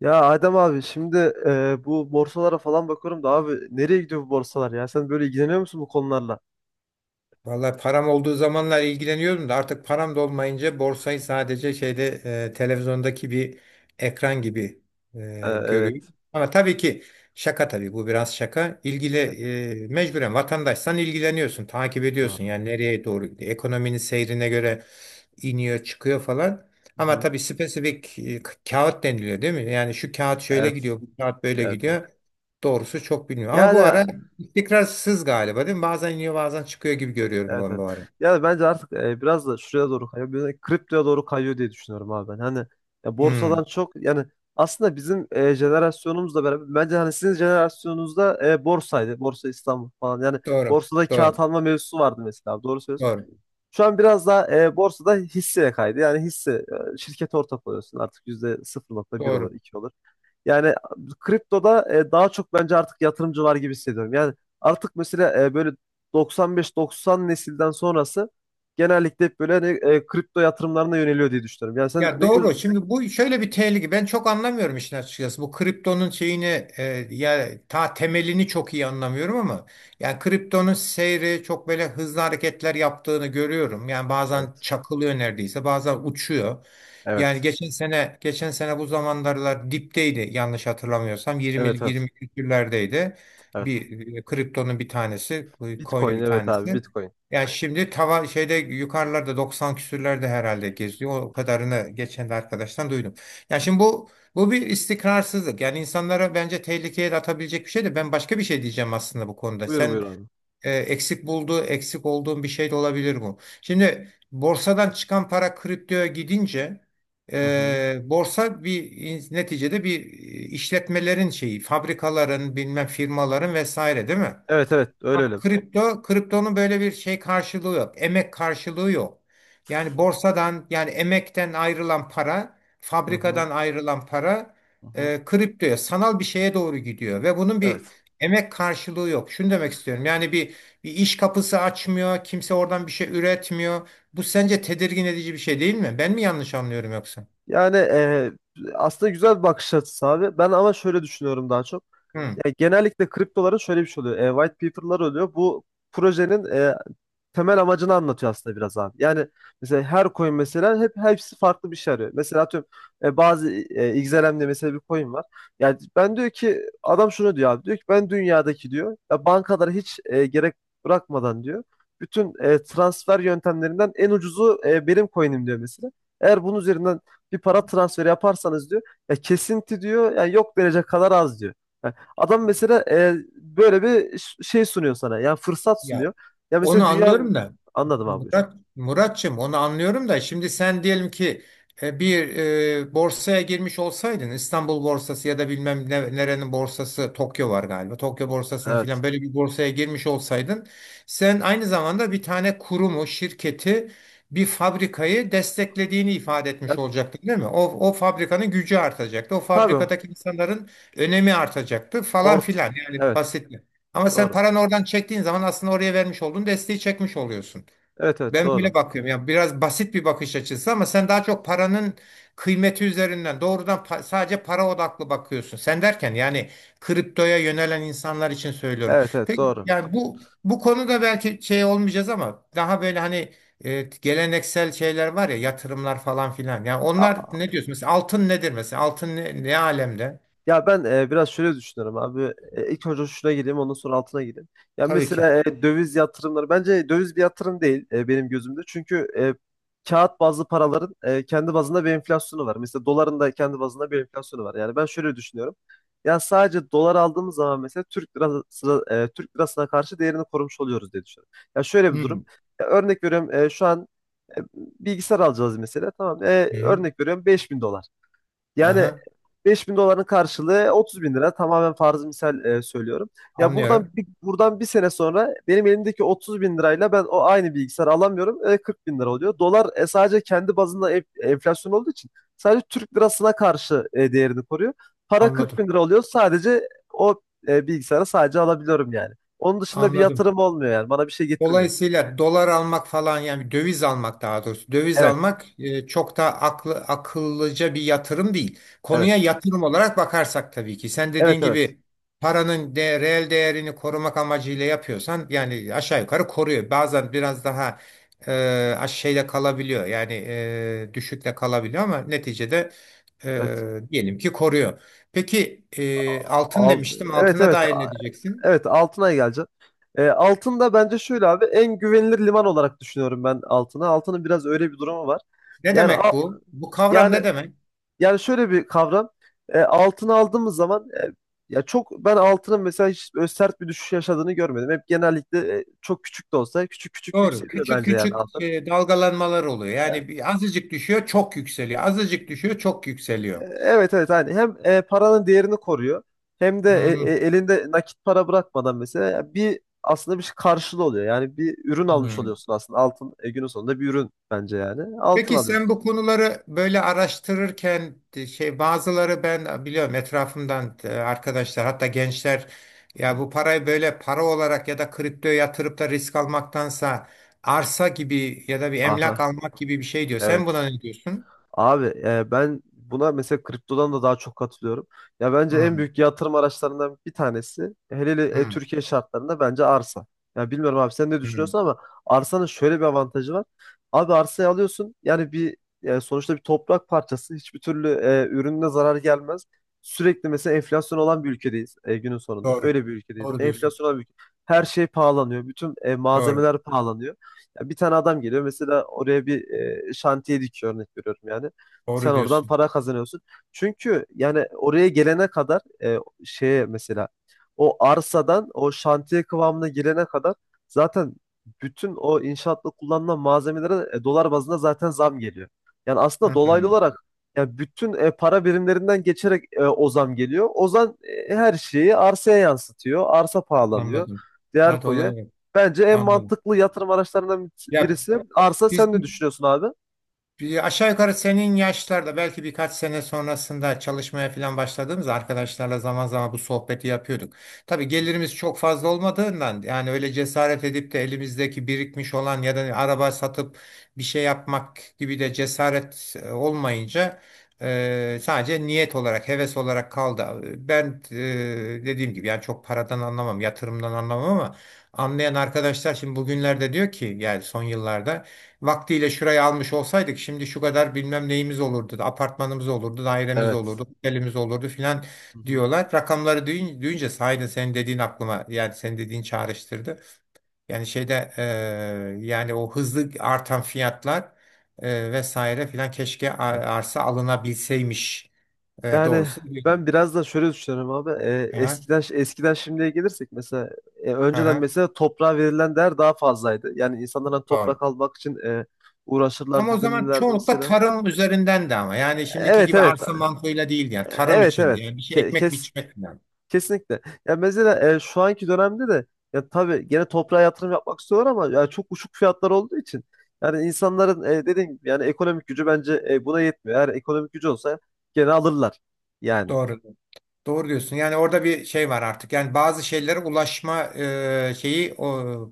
Ya Adem abi şimdi bu borsalara falan bakıyorum da abi nereye gidiyor bu borsalar ya? Sen böyle ilgileniyor musun bu konularla? Vallahi param olduğu zamanlar ilgileniyordum da artık param da olmayınca borsayı sadece şeyde televizyondaki bir ekran gibi görüyorum. Evet. Ama tabii ki şaka tabii bu biraz şaka. İlgili Evet. Mecburen vatandaşsan ilgileniyorsun, takip ediyorsun. Doğru. Yani nereye doğru gidiyor, ekonominin seyrine göre iniyor, çıkıyor falan. Ama Hı-hı. tabii spesifik kağıt deniliyor değil mi? Yani şu kağıt şöyle Evet. gidiyor, bu kağıt böyle Evet, evet. gidiyor. Doğrusu çok bilmiyorum. Ama Yani bu ara Istikrarsız galiba değil mi? Bazen iniyor bazen çıkıyor gibi görüyorum evet, ben evet. bu ara. Yani bence artık biraz da şuraya doğru kayıyor. Böyle kriptoya doğru kayıyor diye düşünüyorum abi ben. Hani ya Hmm, borsadan çok, yani aslında bizim jenerasyonumuzla beraber, bence hani sizin jenerasyonunuzda borsaydı. Borsa İstanbul falan. Yani doğru. borsada kağıt Doğru. alma mevzusu vardı mesela, abi. Doğru söylüyorsun. Doğru. Şu an biraz daha borsada hisseye kaydı. Yani hisse, şirkete ortak oluyorsun. Artık yüzde sıfır nokta bir olur, Doğru. 2 olur. Yani kriptoda daha çok bence artık yatırımcı var gibi hissediyorum. Yani artık mesela böyle 95-90 nesilden sonrası genellikle hep böyle hani, kripto yatırımlarına yöneliyor diye düşünüyorum. Yani sen Ya ne göz... doğru. Şimdi bu şöyle bir tehlike. Ben çok anlamıyorum işin açıkçası. Bu kriptonun şeyini ya ta temelini çok iyi anlamıyorum ama yani kriptonun seyri çok böyle hızlı hareketler yaptığını görüyorum. Yani bazen Evet. çakılıyor neredeyse, bazen uçuyor. Yani Evet. geçen sene bu zamanlarlar dipteydi yanlış hatırlamıyorsam 20 Evet, evet. 20 küsürlerdeydi. Evet. Bir kriptonun bir tanesi, coin'in Bitcoin, bir evet abi, tanesi. Bitcoin. Yani şimdi tava şeyde yukarılarda 90 küsürlerde herhalde geziyor. O kadarını geçen de arkadaştan duydum. Yani şimdi bu bir istikrarsızlık. Yani insanlara bence tehlikeye de atabilecek bir şey de ben başka bir şey diyeceğim aslında bu konuda. Buyur buyur Sen abi. Eksik olduğun bir şey de olabilir bu. Şimdi borsadan çıkan para kriptoya gidince Hı hı. Borsa bir neticede bir işletmelerin şeyi, fabrikaların, bilmem firmaların vesaire değil mi? Evet, evet, öyle öyle. Kripto, kriptonun böyle bir şey karşılığı yok. Emek karşılığı yok. Yani borsadan yani emekten ayrılan para, Hı hı. fabrikadan ayrılan para Hı hı. Kriptoya, sanal bir şeye doğru gidiyor ve bunun bir Evet. emek karşılığı yok. Şunu demek istiyorum. Yani bir iş kapısı açmıyor, kimse oradan bir şey üretmiyor. Bu sence tedirgin edici bir şey değil mi? Ben mi yanlış anlıyorum yoksa? Yani aslında güzel bir bakış açısı abi. Ben ama şöyle düşünüyorum daha çok. Hı. Ya genellikle kriptoların şöyle bir şey oluyor. White paper'lar oluyor. Bu projenin temel amacını anlatıyor aslında biraz abi. Yani mesela her coin mesela hepsi farklı bir şey arıyor. Mesela atıyorum, bazı XLM'de mesela bir coin var. Yani ben diyor ki adam, şunu diyor abi. Diyor ki ben dünyadaki, diyor ya, bankalara hiç gerek bırakmadan diyor. Bütün transfer yöntemlerinden en ucuzu benim coin'im diyor mesela. Eğer bunun üzerinden bir para transferi yaparsanız diyor, ya kesinti diyor, yani yok derece kadar az diyor. Yani adam mesela böyle bir şey sunuyor sana. Yani fırsat sunuyor. Ya Ya mesela onu dünya, anlıyorum da. anladım abi. Buyur. Murat, Muratçım onu anlıyorum da şimdi sen diyelim ki bir borsaya girmiş olsaydın İstanbul borsası ya da bilmem nerenin borsası Tokyo var galiba. Tokyo borsasına Evet. filan böyle bir borsaya girmiş olsaydın sen aynı zamanda bir tane kurumu, şirketi, bir fabrikayı desteklediğini ifade Ya etmiş olacaktın değil mi? O fabrikanın gücü artacaktı. O tabii fabrikadaki insanların önemi artacaktı falan ort. filan yani Evet. basit. Ama sen Doğru. paranı oradan çektiğin zaman aslında oraya vermiş olduğun desteği çekmiş oluyorsun. Evet, evet, Ben böyle doğru. bakıyorum. Yani biraz basit bir bakış açısı ama sen daha çok paranın kıymeti üzerinden doğrudan sadece para odaklı bakıyorsun. Sen derken yani kriptoya yönelen insanlar için söylüyorum. Evet, evet, Peki doğru. yani bu konuda belki şey olmayacağız ama daha böyle hani geleneksel şeyler var ya yatırımlar falan filan. Yani onlar ne diyorsun? Mesela altın nedir mesela? Altın ne alemde? Ya ben biraz şöyle düşünüyorum abi. İlk önce şuna gireyim, ondan sonra altına gireyim. Ya Tabii ki. mesela döviz yatırımları, bence döviz bir yatırım değil benim gözümde. Çünkü kağıt bazlı paraların kendi bazında bir enflasyonu var. Mesela doların da kendi bazında bir enflasyonu var. Yani ben şöyle düşünüyorum. Ya sadece dolar aldığımız zaman mesela Türk lirası, Türk lirasına karşı değerini korumuş oluyoruz diye düşünüyorum. Ya şöyle bir durum. Hmm. Ya örnek veriyorum, şu an e, bilgisayar alacağız mesela. Tamam. Hı hı. Örnek veriyorum 5000 dolar. Yani Aha, 5000 doların karşılığı 30 bin lira. Tamamen farzı misal söylüyorum. Ya anlıyorum. Buradan bir sene sonra benim elimdeki 30 bin lirayla ben o aynı bilgisayarı alamıyorum. 40 bin lira oluyor. Dolar sadece kendi bazında enflasyon olduğu için sadece Türk lirasına karşı değerini koruyor. Para 40 Anladım. bin lira oluyor. Sadece o bilgisayarı sadece alabiliyorum yani. Onun dışında bir Anladım. yatırım olmuyor yani. Bana bir şey getirmiyor. Dolayısıyla dolar almak falan yani döviz almak daha doğrusu döviz Evet, almak çok da akıllıca bir yatırım değil. Konuya evet. yatırım olarak bakarsak tabii ki sen dediğin Evet, evet. gibi paranın reel değerini korumak amacıyla yapıyorsan yani aşağı yukarı koruyor. Bazen biraz daha e, şeyle kalabiliyor yani düşükle kalabiliyor ama neticede Evet. Diyelim ki koruyor. Peki altın Alt, demiştim evet, altına evet. dair ne diyeceksin? Evet, Altınay'a geleceğim. Altın da bence şöyle abi, en güvenilir liman olarak düşünüyorum ben Altın'ı. Altın'ın biraz öyle bir durumu var. Ne Yani a- demek bu? Bu kavram yani ne demek? yani şöyle bir kavram. Altını aldığımız zaman, ya çok, ben altının mesela hiç böyle sert bir düşüş yaşadığını görmedim. Hep genellikle çok küçük de olsa, küçük küçük Doğru. yükseliyor Küçük bence yani küçük altın. Dalgalanmalar oluyor. Yani bir azıcık düşüyor, çok yükseliyor. Azıcık düşüyor, çok yükseliyor. Evet, evet, hani hem paranın değerini koruyor hem de Hmm, elinde nakit para bırakmadan mesela bir, aslında bir şey karşılığı oluyor. Yani bir ürün almış hmm. oluyorsun aslında, altın günün sonunda bir ürün bence, yani altın Peki sen alıyorsun. bu konuları böyle araştırırken şey bazıları ben biliyorum etrafımdan arkadaşlar hatta gençler ya Hı. bu parayı böyle para olarak ya da kriptoya yatırıp da risk almaktansa arsa gibi ya da bir emlak Aha, almak gibi bir şey diyor. Sen evet. buna ne diyorsun? Abi ben buna mesela kriptodan da daha çok katılıyorum. Ya bence en Hmm, büyük yatırım araçlarından bir tanesi, hele hele hmm, Türkiye şartlarında, bence arsa. Ya bilmiyorum abi sen ne hmm. düşünüyorsun ama arsanın şöyle bir avantajı var. Abi arsayı alıyorsun, yani bir sonuçta bir toprak parçası, hiçbir türlü ürününe zarar gelmez. Sürekli mesela enflasyon olan bir ülkedeyiz günün sonunda. Doğru. Öyle bir ülkedeyiz. Doğru diyorsun. Enflasyon olan bir ülke. Her şey pahalanıyor. Bütün Doğru. malzemeler pahalanıyor. Ya bir tane adam geliyor mesela, oraya bir şantiye dikiyor, örnek veriyorum yani. Sen Doğru oradan diyorsun. para kazanıyorsun. Çünkü yani oraya gelene kadar, şeye mesela, o arsadan o şantiye kıvamına gelene kadar zaten bütün o inşaatta kullanılan malzemelere dolar bazında zaten zam geliyor. Yani aslında dolaylı Hmm. olarak, yani bütün para birimlerinden geçerek o zam geliyor. O zam her şeyi arsaya yansıtıyor. Arsa pahalanıyor. Anladım. Değer Evet koyuyor. olabilir. Bence en Anladım. mantıklı yatırım araçlarından Ya birisi arsa. Sen ne bizim düşünüyorsun abi? Bir aşağı yukarı senin yaşlarda belki birkaç sene sonrasında çalışmaya falan başladığımızda arkadaşlarla zaman zaman bu sohbeti yapıyorduk. Tabii Hı hı. gelirimiz çok fazla olmadığından yani öyle cesaret edip de elimizdeki birikmiş olan ya da araba satıp bir şey yapmak gibi de cesaret olmayınca sadece niyet olarak, heves olarak kaldı. Ben dediğim gibi yani çok paradan anlamam, yatırımdan anlamam ama anlayan arkadaşlar şimdi bugünlerde diyor ki yani son yıllarda vaktiyle şurayı almış olsaydık şimdi şu kadar bilmem neyimiz olurdu. Apartmanımız olurdu, dairemiz Evet. olurdu, otelimiz olurdu filan Hı hı. diyorlar. Rakamları duyunca sahiden senin dediğin aklıma yani senin dediğin çağrıştırdı. Yani şeyde yani o hızlı artan fiyatlar vesaire filan keşke Evet. arsa alınabilseymiş Yani doğrusu. ben biraz da şöyle düşünüyorum abi. Aha, Eskiden şimdiye gelirsek mesela, önceden aha, mesela toprağa verilen değer daha fazlaydı. Yani insanlar hani doğru. toprak almak için uğraşırlar Ama o zaman didinirlerdi çoğunlukla mesela. tarım üzerinden de ama yani şimdiki Evet, gibi evet. Arsa mantığıyla değildi yani tarım Evet, içindi evet. yani bir şey ekmek biçmek falan. Kesinlikle. Ya mesela şu anki dönemde de ya tabii gene toprağa yatırım yapmak istiyorlar, ama ya çok uçuk fiyatlar olduğu için yani insanların dediğim gibi yani ekonomik gücü, bence buna yetmiyor. Eğer ekonomik gücü olsa gene alırlar. Yani Doğru. Doğru diyorsun. Yani orada bir şey var artık. Yani bazı şeylere ulaşma e, şeyi o,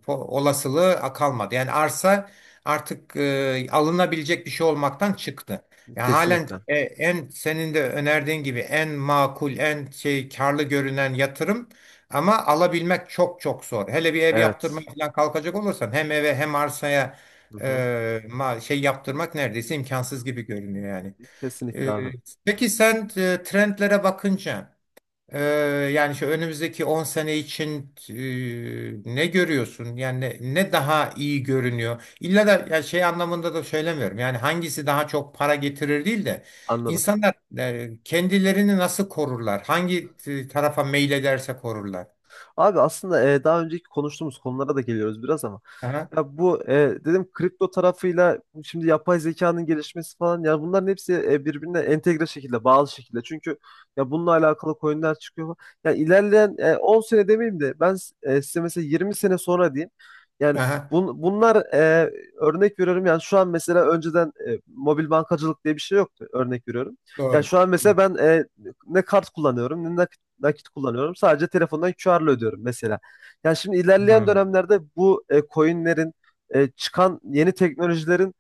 po- olasılığı kalmadı. Yani arsa artık alınabilecek bir şey olmaktan çıktı. Yani halen kesinlikle. En senin de önerdiğin gibi en makul, en şey karlı görünen yatırım ama alabilmek çok çok zor. Hele bir ev yaptırmaya Evet. falan kalkacak olursan hem eve hem arsaya Hı e, hı. Yaptırmak neredeyse imkansız gibi görünüyor yani. Kesinlikle E, abi. peki sen trendlere bakınca ee, yani şu önümüzdeki 10 sene için ne görüyorsun? Yani ne daha iyi görünüyor? İlla da yani şey anlamında da söylemiyorum. Yani hangisi daha çok para getirir değil de Anladım. insanlar kendilerini nasıl korurlar? Hangi tarafa meylederse korurlar. Abi aslında daha önceki konuştuğumuz konulara da geliyoruz biraz, ama Aha, ya bu dedim kripto tarafıyla bu, şimdi yapay zekanın gelişmesi falan, ya bunların hepsi birbirine entegre şekilde, bağlı şekilde. Çünkü ya bununla alakalı coinler çıkıyor. Yani ilerleyen 10 sene demeyeyim de ben, size mesela 20 sene sonra diyeyim. Yani aha, bunlar, örnek veriyorum yani, şu an mesela önceden mobil bankacılık diye bir şey yoktu, örnek veriyorum. Yani doğru. şu an mesela Doğru. ben ne kart kullanıyorum, ne nakit kullanıyorum. Sadece telefondan QR'la ödüyorum mesela. Yani şimdi Hmm. ilerleyen Hı. dönemlerde bu coinlerin, çıkan yeni teknolojilerin,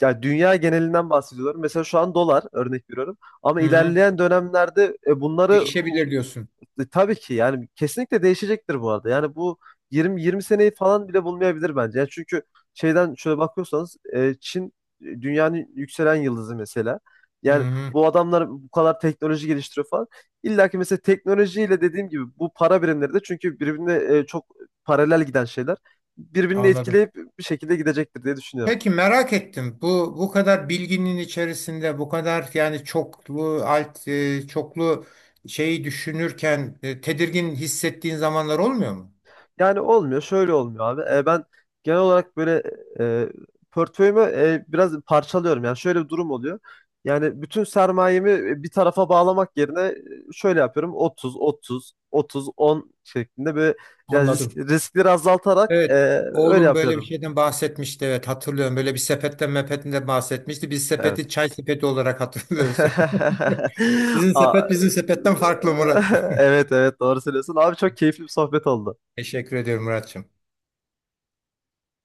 yani dünya genelinden bahsediyorum. Mesela şu an dolar, örnek veriyorum. Ama Hı. ilerleyen dönemlerde bunları, Değişebilir diyorsun. Tabii ki yani kesinlikle değişecektir bu arada. Yani bu 20 seneyi falan bile bulmayabilir bence. Yani çünkü şeyden şöyle bakıyorsanız, Çin dünyanın yükselen yıldızı mesela. Hı Yani hı, bu adamlar bu kadar teknoloji geliştiriyor falan. İlla ki mesela teknolojiyle, dediğim gibi bu para birimleri de çünkü birbirine çok paralel giden şeyler, birbirini anladım. etkileyip bir şekilde gidecektir diye düşünüyorum. Peki merak ettim. Bu kadar bilginin içerisinde bu kadar yani çoklu alt çoklu şeyi düşünürken tedirgin hissettiğin zamanlar olmuyor mu? Yani olmuyor, şöyle olmuyor abi. Ben genel olarak böyle e, portföyümü biraz parçalıyorum. Yani şöyle bir durum oluyor. Yani bütün sermayemi bir tarafa bağlamak yerine şöyle yapıyorum. 30, 30, 30, 10 şeklinde böyle, yani Anladım. riskleri azaltarak Evet. öyle Oğlum böyle bir yapıyorum. şeyden bahsetmişti. Evet hatırlıyorum. Böyle bir sepetten mepetinden bahsetmişti. Biz sepeti Evet. çay sepeti olarak hatırlıyoruz. Sizin Aa, sepet bizim sepetten farklı Murat. evet, evet, doğru söylüyorsun. Abi, çok keyifli bir sohbet oldu. Teşekkür ediyorum Muratçım.